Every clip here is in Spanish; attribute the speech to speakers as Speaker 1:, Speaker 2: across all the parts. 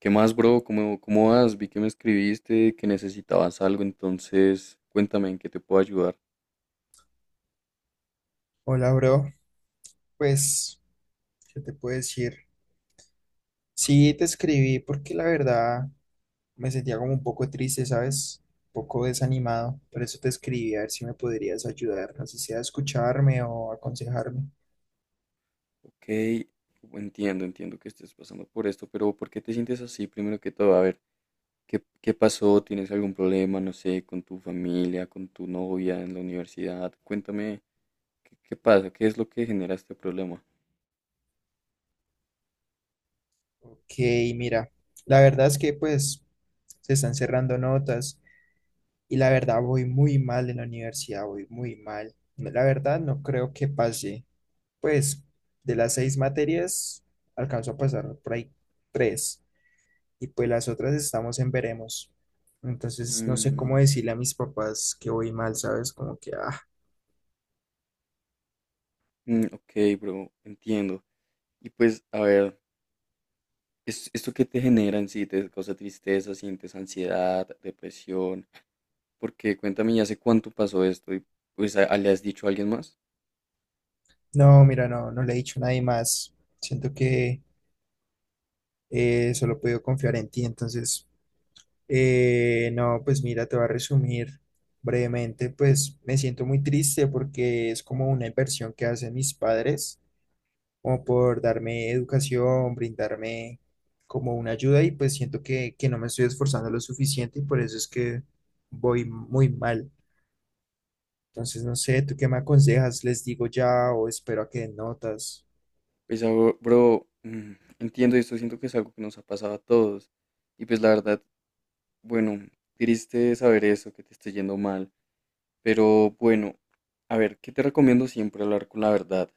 Speaker 1: ¿Qué más, bro? ¿Cómo vas? Vi que me escribiste, que necesitabas algo, entonces cuéntame en qué te puedo ayudar.
Speaker 2: Hola, bro. Pues, ¿qué te puedo decir? Sí, te escribí porque la verdad me sentía como un poco triste, ¿sabes? Un poco desanimado. Por eso te escribí a ver si me podrías ayudar, así sea a escucharme o aconsejarme.
Speaker 1: Ok, entiendo que estés pasando por esto, pero ¿por qué te sientes así? Primero que todo, a ver, ¿qué pasó? ¿Tienes algún problema, no sé, con tu familia, con tu novia en la universidad? Cuéntame, ¿qué pasa? ¿Qué es lo que genera este problema?
Speaker 2: Ok, mira, la verdad es que pues se están cerrando notas y la verdad voy muy mal en la universidad, voy muy mal. No, la verdad no creo que pase, pues de las seis materias alcanzo a pasar por ahí tres. Y pues las otras estamos en veremos. Entonces, no sé cómo
Speaker 1: Mm,
Speaker 2: decirle a mis papás que voy mal, ¿sabes? Como que,
Speaker 1: ok, bro, entiendo. Y pues, a ver, ¿esto que te genera en sí? ¿Te causa tristeza? ¿Sientes ansiedad, depresión? Porque cuéntame, ¿y hace cuánto pasó esto? Y pues ¿ le has dicho a alguien más?
Speaker 2: no, mira, no le he dicho a nadie más. Siento que solo puedo confiar en ti. Entonces, no, pues mira, te voy a resumir brevemente. Pues me siento muy triste porque es como una inversión que hacen mis padres como por darme educación, brindarme como una ayuda y pues siento que no me estoy esforzando lo suficiente y por eso es que voy muy mal. Entonces, no sé, ¿tú qué me aconsejas? ¿Les digo ya o espero a que den notas?
Speaker 1: Pues bro, entiendo esto, siento que es algo que nos ha pasado a todos. Y pues la verdad, bueno, triste saber eso, que te esté yendo mal. Pero bueno, a ver, ¿qué te recomiendo? Siempre hablar con la verdad,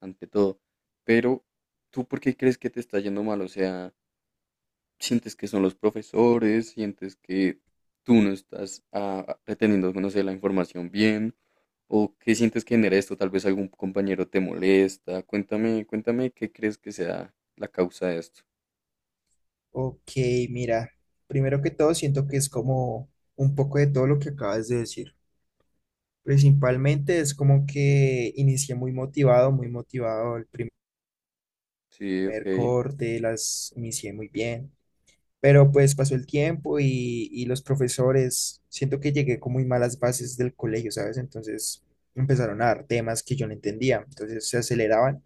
Speaker 1: ante todo. Pero, ¿tú por qué crees que te está yendo mal? O sea, sientes que son los profesores, sientes que tú no estás reteniendo, no sé, la información bien, o qué sientes que genera esto, tal vez algún compañero te molesta, cuéntame, cuéntame qué crees que sea la causa de esto.
Speaker 2: Ok, mira, primero que todo siento que es como un poco de todo lo que acabas de decir. Principalmente es como que inicié muy motivado el primer
Speaker 1: Sí, ok,
Speaker 2: corte, las inicié muy bien. Pero pues pasó el tiempo y los profesores, siento que llegué con muy malas bases del colegio, ¿sabes? Entonces empezaron a dar temas que yo no entendía, entonces se aceleraban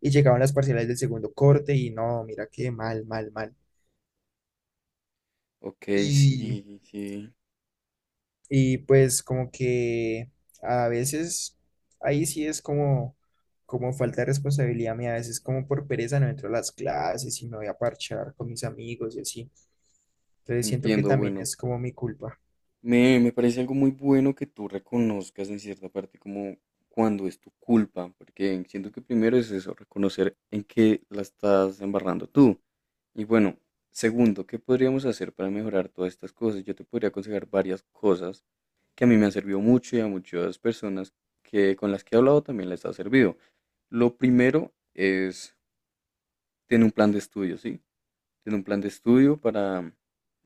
Speaker 2: y llegaban las parciales del segundo corte y no, mira qué mal, mal, mal.
Speaker 1: ok,
Speaker 2: Y,
Speaker 1: sí, sí,
Speaker 2: y pues como que a veces ahí sí es como falta de responsabilidad mía, a veces como por pereza no entro a las clases y me voy a parchar con mis amigos y así. Entonces siento que
Speaker 1: entiendo,
Speaker 2: también
Speaker 1: bueno.
Speaker 2: es como mi culpa.
Speaker 1: Me parece algo muy bueno que tú reconozcas en cierta parte como cuando es tu culpa, porque siento que primero es eso, reconocer en qué la estás embarrando tú. Y bueno, segundo, ¿qué podríamos hacer para mejorar todas estas cosas? Yo te podría aconsejar varias cosas que a mí me han servido mucho y a muchas personas que con las que he hablado también les ha servido. Lo primero es tener un plan de estudio, ¿sí? Tener un plan de estudio para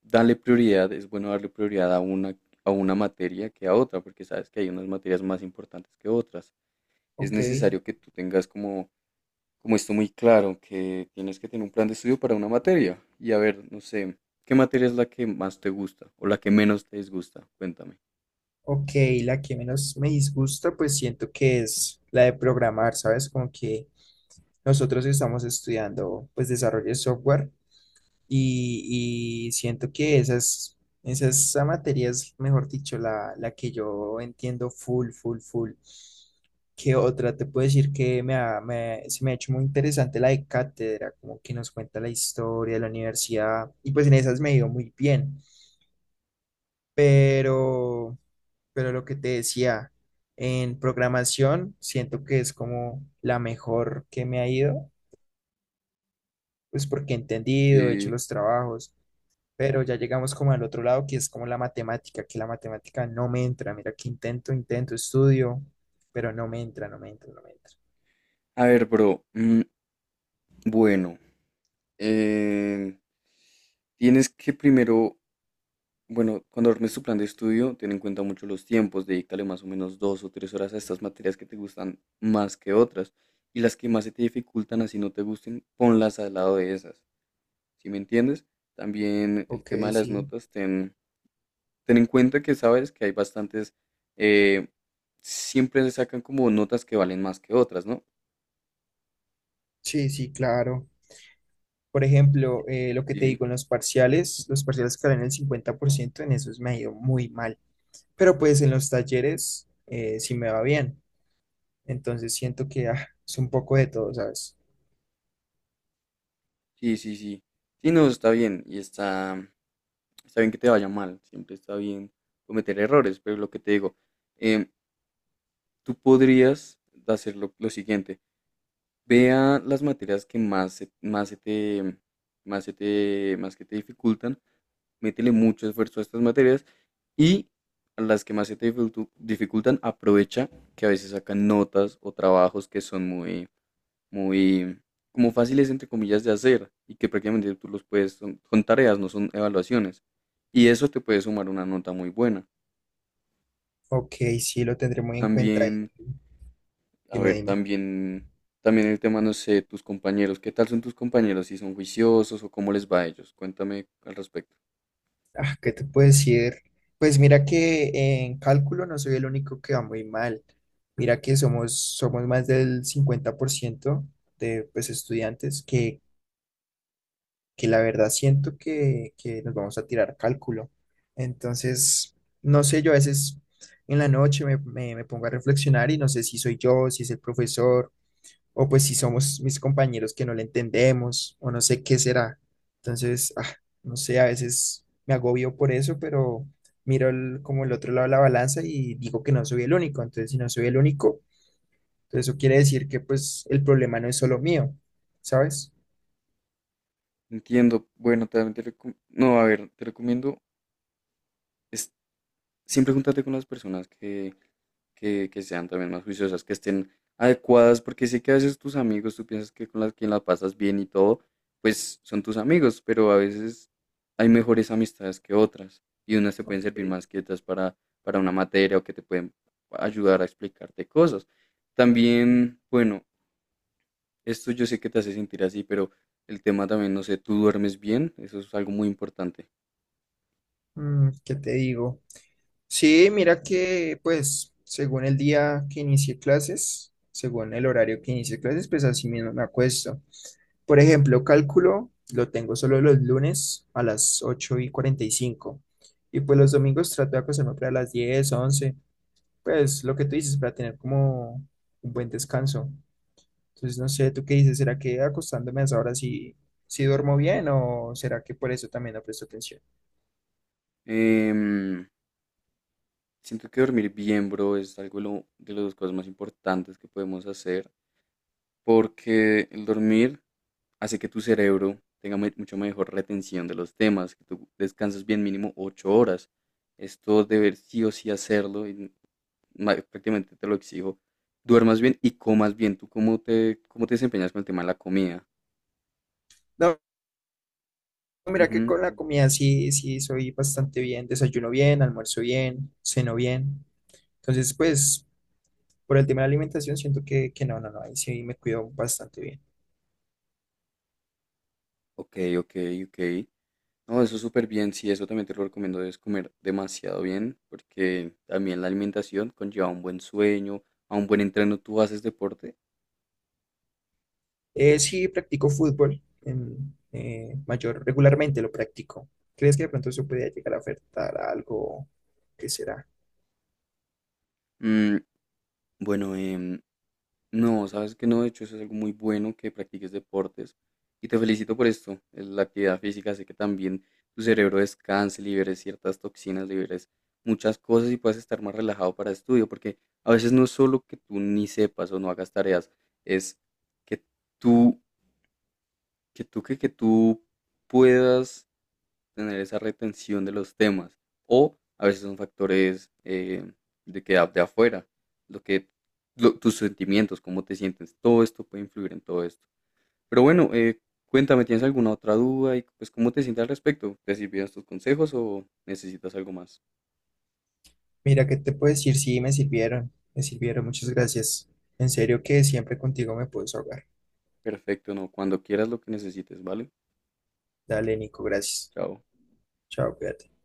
Speaker 1: darle prioridad. Es bueno darle prioridad a una materia que a otra, porque sabes que hay unas materias más importantes que otras. Es
Speaker 2: Ok.
Speaker 1: necesario que tú tengas como esto muy claro, que tienes que tener un plan de estudio para una materia. Y a ver, no sé, ¿qué materia es la que más te gusta o la que menos te disgusta? Cuéntame.
Speaker 2: Ok, la que menos me disgusta, pues siento que es la de programar, ¿sabes? Como que nosotros estamos estudiando, pues, desarrollo de software y siento que esa materia es, mejor dicho, la que yo entiendo full, full, full. ¿Qué otra? Te puedo decir que se me ha hecho muy interesante la de cátedra, como que nos cuenta la historia de la universidad y pues en esas me ha ido muy bien, pero lo que te decía, en programación siento que es como la mejor que me ha ido, pues porque he entendido, he hecho
Speaker 1: Y,
Speaker 2: los trabajos, pero ya llegamos como al otro lado que es como la matemática, que la matemática no me entra, mira que intento, intento, estudio, pero no me entra, no me entra, no me entra.
Speaker 1: a ver, bro, bueno, eh, tienes que primero, bueno, cuando armes tu plan de estudio, ten en cuenta mucho los tiempos, dedícale más o menos 2 o 3 horas a estas materias que te gustan más que otras, y las que más se te dificultan, así no te gusten, ponlas al lado de esas, ¿sí me entiendes? También el
Speaker 2: Ok,
Speaker 1: tema de las
Speaker 2: sí,
Speaker 1: notas. Ten en cuenta que sabes que hay bastantes, eh, siempre se sacan como notas que valen más que otras, ¿no?
Speaker 2: sí, sí, claro. Por ejemplo, lo que te
Speaker 1: Sí,
Speaker 2: digo en los parciales, que en el 50% en esos me ha ido muy mal, pero pues en los talleres sí me va bien. Entonces siento que es un poco de todo, ¿sabes?
Speaker 1: sí, sí, sí. Sí, no, está bien. Y está bien que te vaya mal. Siempre está bien cometer errores. Pero lo que te digo, em, tú podrías hacer lo siguiente. Vea las materias que más, se te, más, se te, más que te dificultan, métele mucho esfuerzo a estas materias y a las que más se te dificultan, aprovecha que a veces sacan notas o trabajos que son muy, muy como fáciles entre comillas de hacer y que prácticamente tú los puedes, son tareas, no son evaluaciones. Y eso te puede sumar una nota muy buena.
Speaker 2: Ok, sí, lo tendré muy en cuenta y
Speaker 1: También, a
Speaker 2: dime,
Speaker 1: ver,
Speaker 2: dime.
Speaker 1: también, también el tema, no sé, tus compañeros, ¿qué tal son tus compañeros? ¿Si son juiciosos o cómo les va a ellos? Cuéntame al respecto.
Speaker 2: Ah, ¿qué te puedo decir? Pues mira que en cálculo no soy el único que va muy mal. Mira que somos más del 50% de pues, estudiantes que la verdad siento que nos vamos a tirar cálculo. Entonces, no sé, yo a veces en la noche me pongo a reflexionar y no sé si soy yo, si es el profesor, o pues si somos mis compañeros que no le entendemos, o no sé qué será. Entonces, no sé, a veces me agobio por eso, pero miro como el otro lado de la balanza y digo que no soy el único. Entonces, si no soy el único, entonces eso quiere decir que pues el problema no es solo mío, ¿sabes?
Speaker 1: Entiendo, bueno, también no, a ver, te recomiendo, es, siempre júntate con las personas que sean también más juiciosas, que estén adecuadas, porque sé que a veces tus amigos, tú piensas que con las quien la pasas bien y todo, pues son tus amigos, pero a veces hay mejores amistades que otras y unas te pueden servir
Speaker 2: Ok.
Speaker 1: más que otras para una materia o que te pueden ayudar a explicarte cosas. También, bueno, esto yo sé que te hace sentir así, pero el tema también, no sé, tú duermes bien, eso es algo muy importante.
Speaker 2: Mm, ¿qué te digo? Sí, mira que pues según el día que inicie clases, según el horario que inicie clases, pues así mismo me acuesto. Por ejemplo, cálculo lo tengo solo los lunes a las 8:45 y pues los domingos trato de acostarme para las 10, 11. Pues lo que tú dices, para tener como un buen descanso. Entonces, no sé, ¿tú qué dices? ¿Será que acostándome a esa hora sí, sí duermo bien o será que por eso también no presto atención?
Speaker 1: Em, siento que dormir bien, bro, es algo de, de las cosas más importantes que podemos hacer. Porque el dormir hace que tu cerebro tenga mucho mejor retención de los temas, que tú descanses bien mínimo 8 horas. Esto deber sí o sí hacerlo, y prácticamente te lo exijo. Duermas bien y comas bien. ¿Tú cómo te desempeñas con el tema de la comida?
Speaker 2: No, mira que
Speaker 1: Ujú.
Speaker 2: con la comida sí, sí soy bastante bien, desayuno bien, almuerzo bien, ceno bien. Entonces, pues, por el tema de la alimentación, siento que no, no, no, ahí sí me cuido bastante bien.
Speaker 1: Ok, ok, ok. No, eso es súper bien. Sí, eso también te lo recomiendo. Debes comer demasiado bien porque también la alimentación conlleva un buen sueño, a un buen entreno. ¿Tú haces deporte?
Speaker 2: Sí, practico fútbol en, mayor, regularmente lo practico. ¿Crees que de pronto eso podría llegar a afectar a algo? ¿Qué será?
Speaker 1: Mm, bueno, no, sabes que no, de hecho eso es algo muy bueno que practiques deportes y te felicito por esto. Es la actividad física hace que también tu cerebro descanse, liberes ciertas toxinas, liberes muchas cosas y puedas estar más relajado para estudio, porque a veces no es solo que tú ni sepas o no hagas tareas, es que tú, tú puedas tener esa retención de los temas. O a veces son factores de que de afuera, lo tus sentimientos, cómo te sientes, todo esto puede influir en todo esto. Pero bueno, cuéntame, ¿tienes alguna otra duda y pues cómo te sientes al respecto? ¿Te sirvieron tus consejos o necesitas algo más?
Speaker 2: Mira, ¿qué te puedo decir? Sí, me sirvieron, muchas gracias. En serio que siempre contigo me puedes ahogar.
Speaker 1: Perfecto, no, cuando quieras lo que necesites, ¿vale?
Speaker 2: Dale, Nico, gracias.
Speaker 1: Chao.
Speaker 2: Chao, cuídate.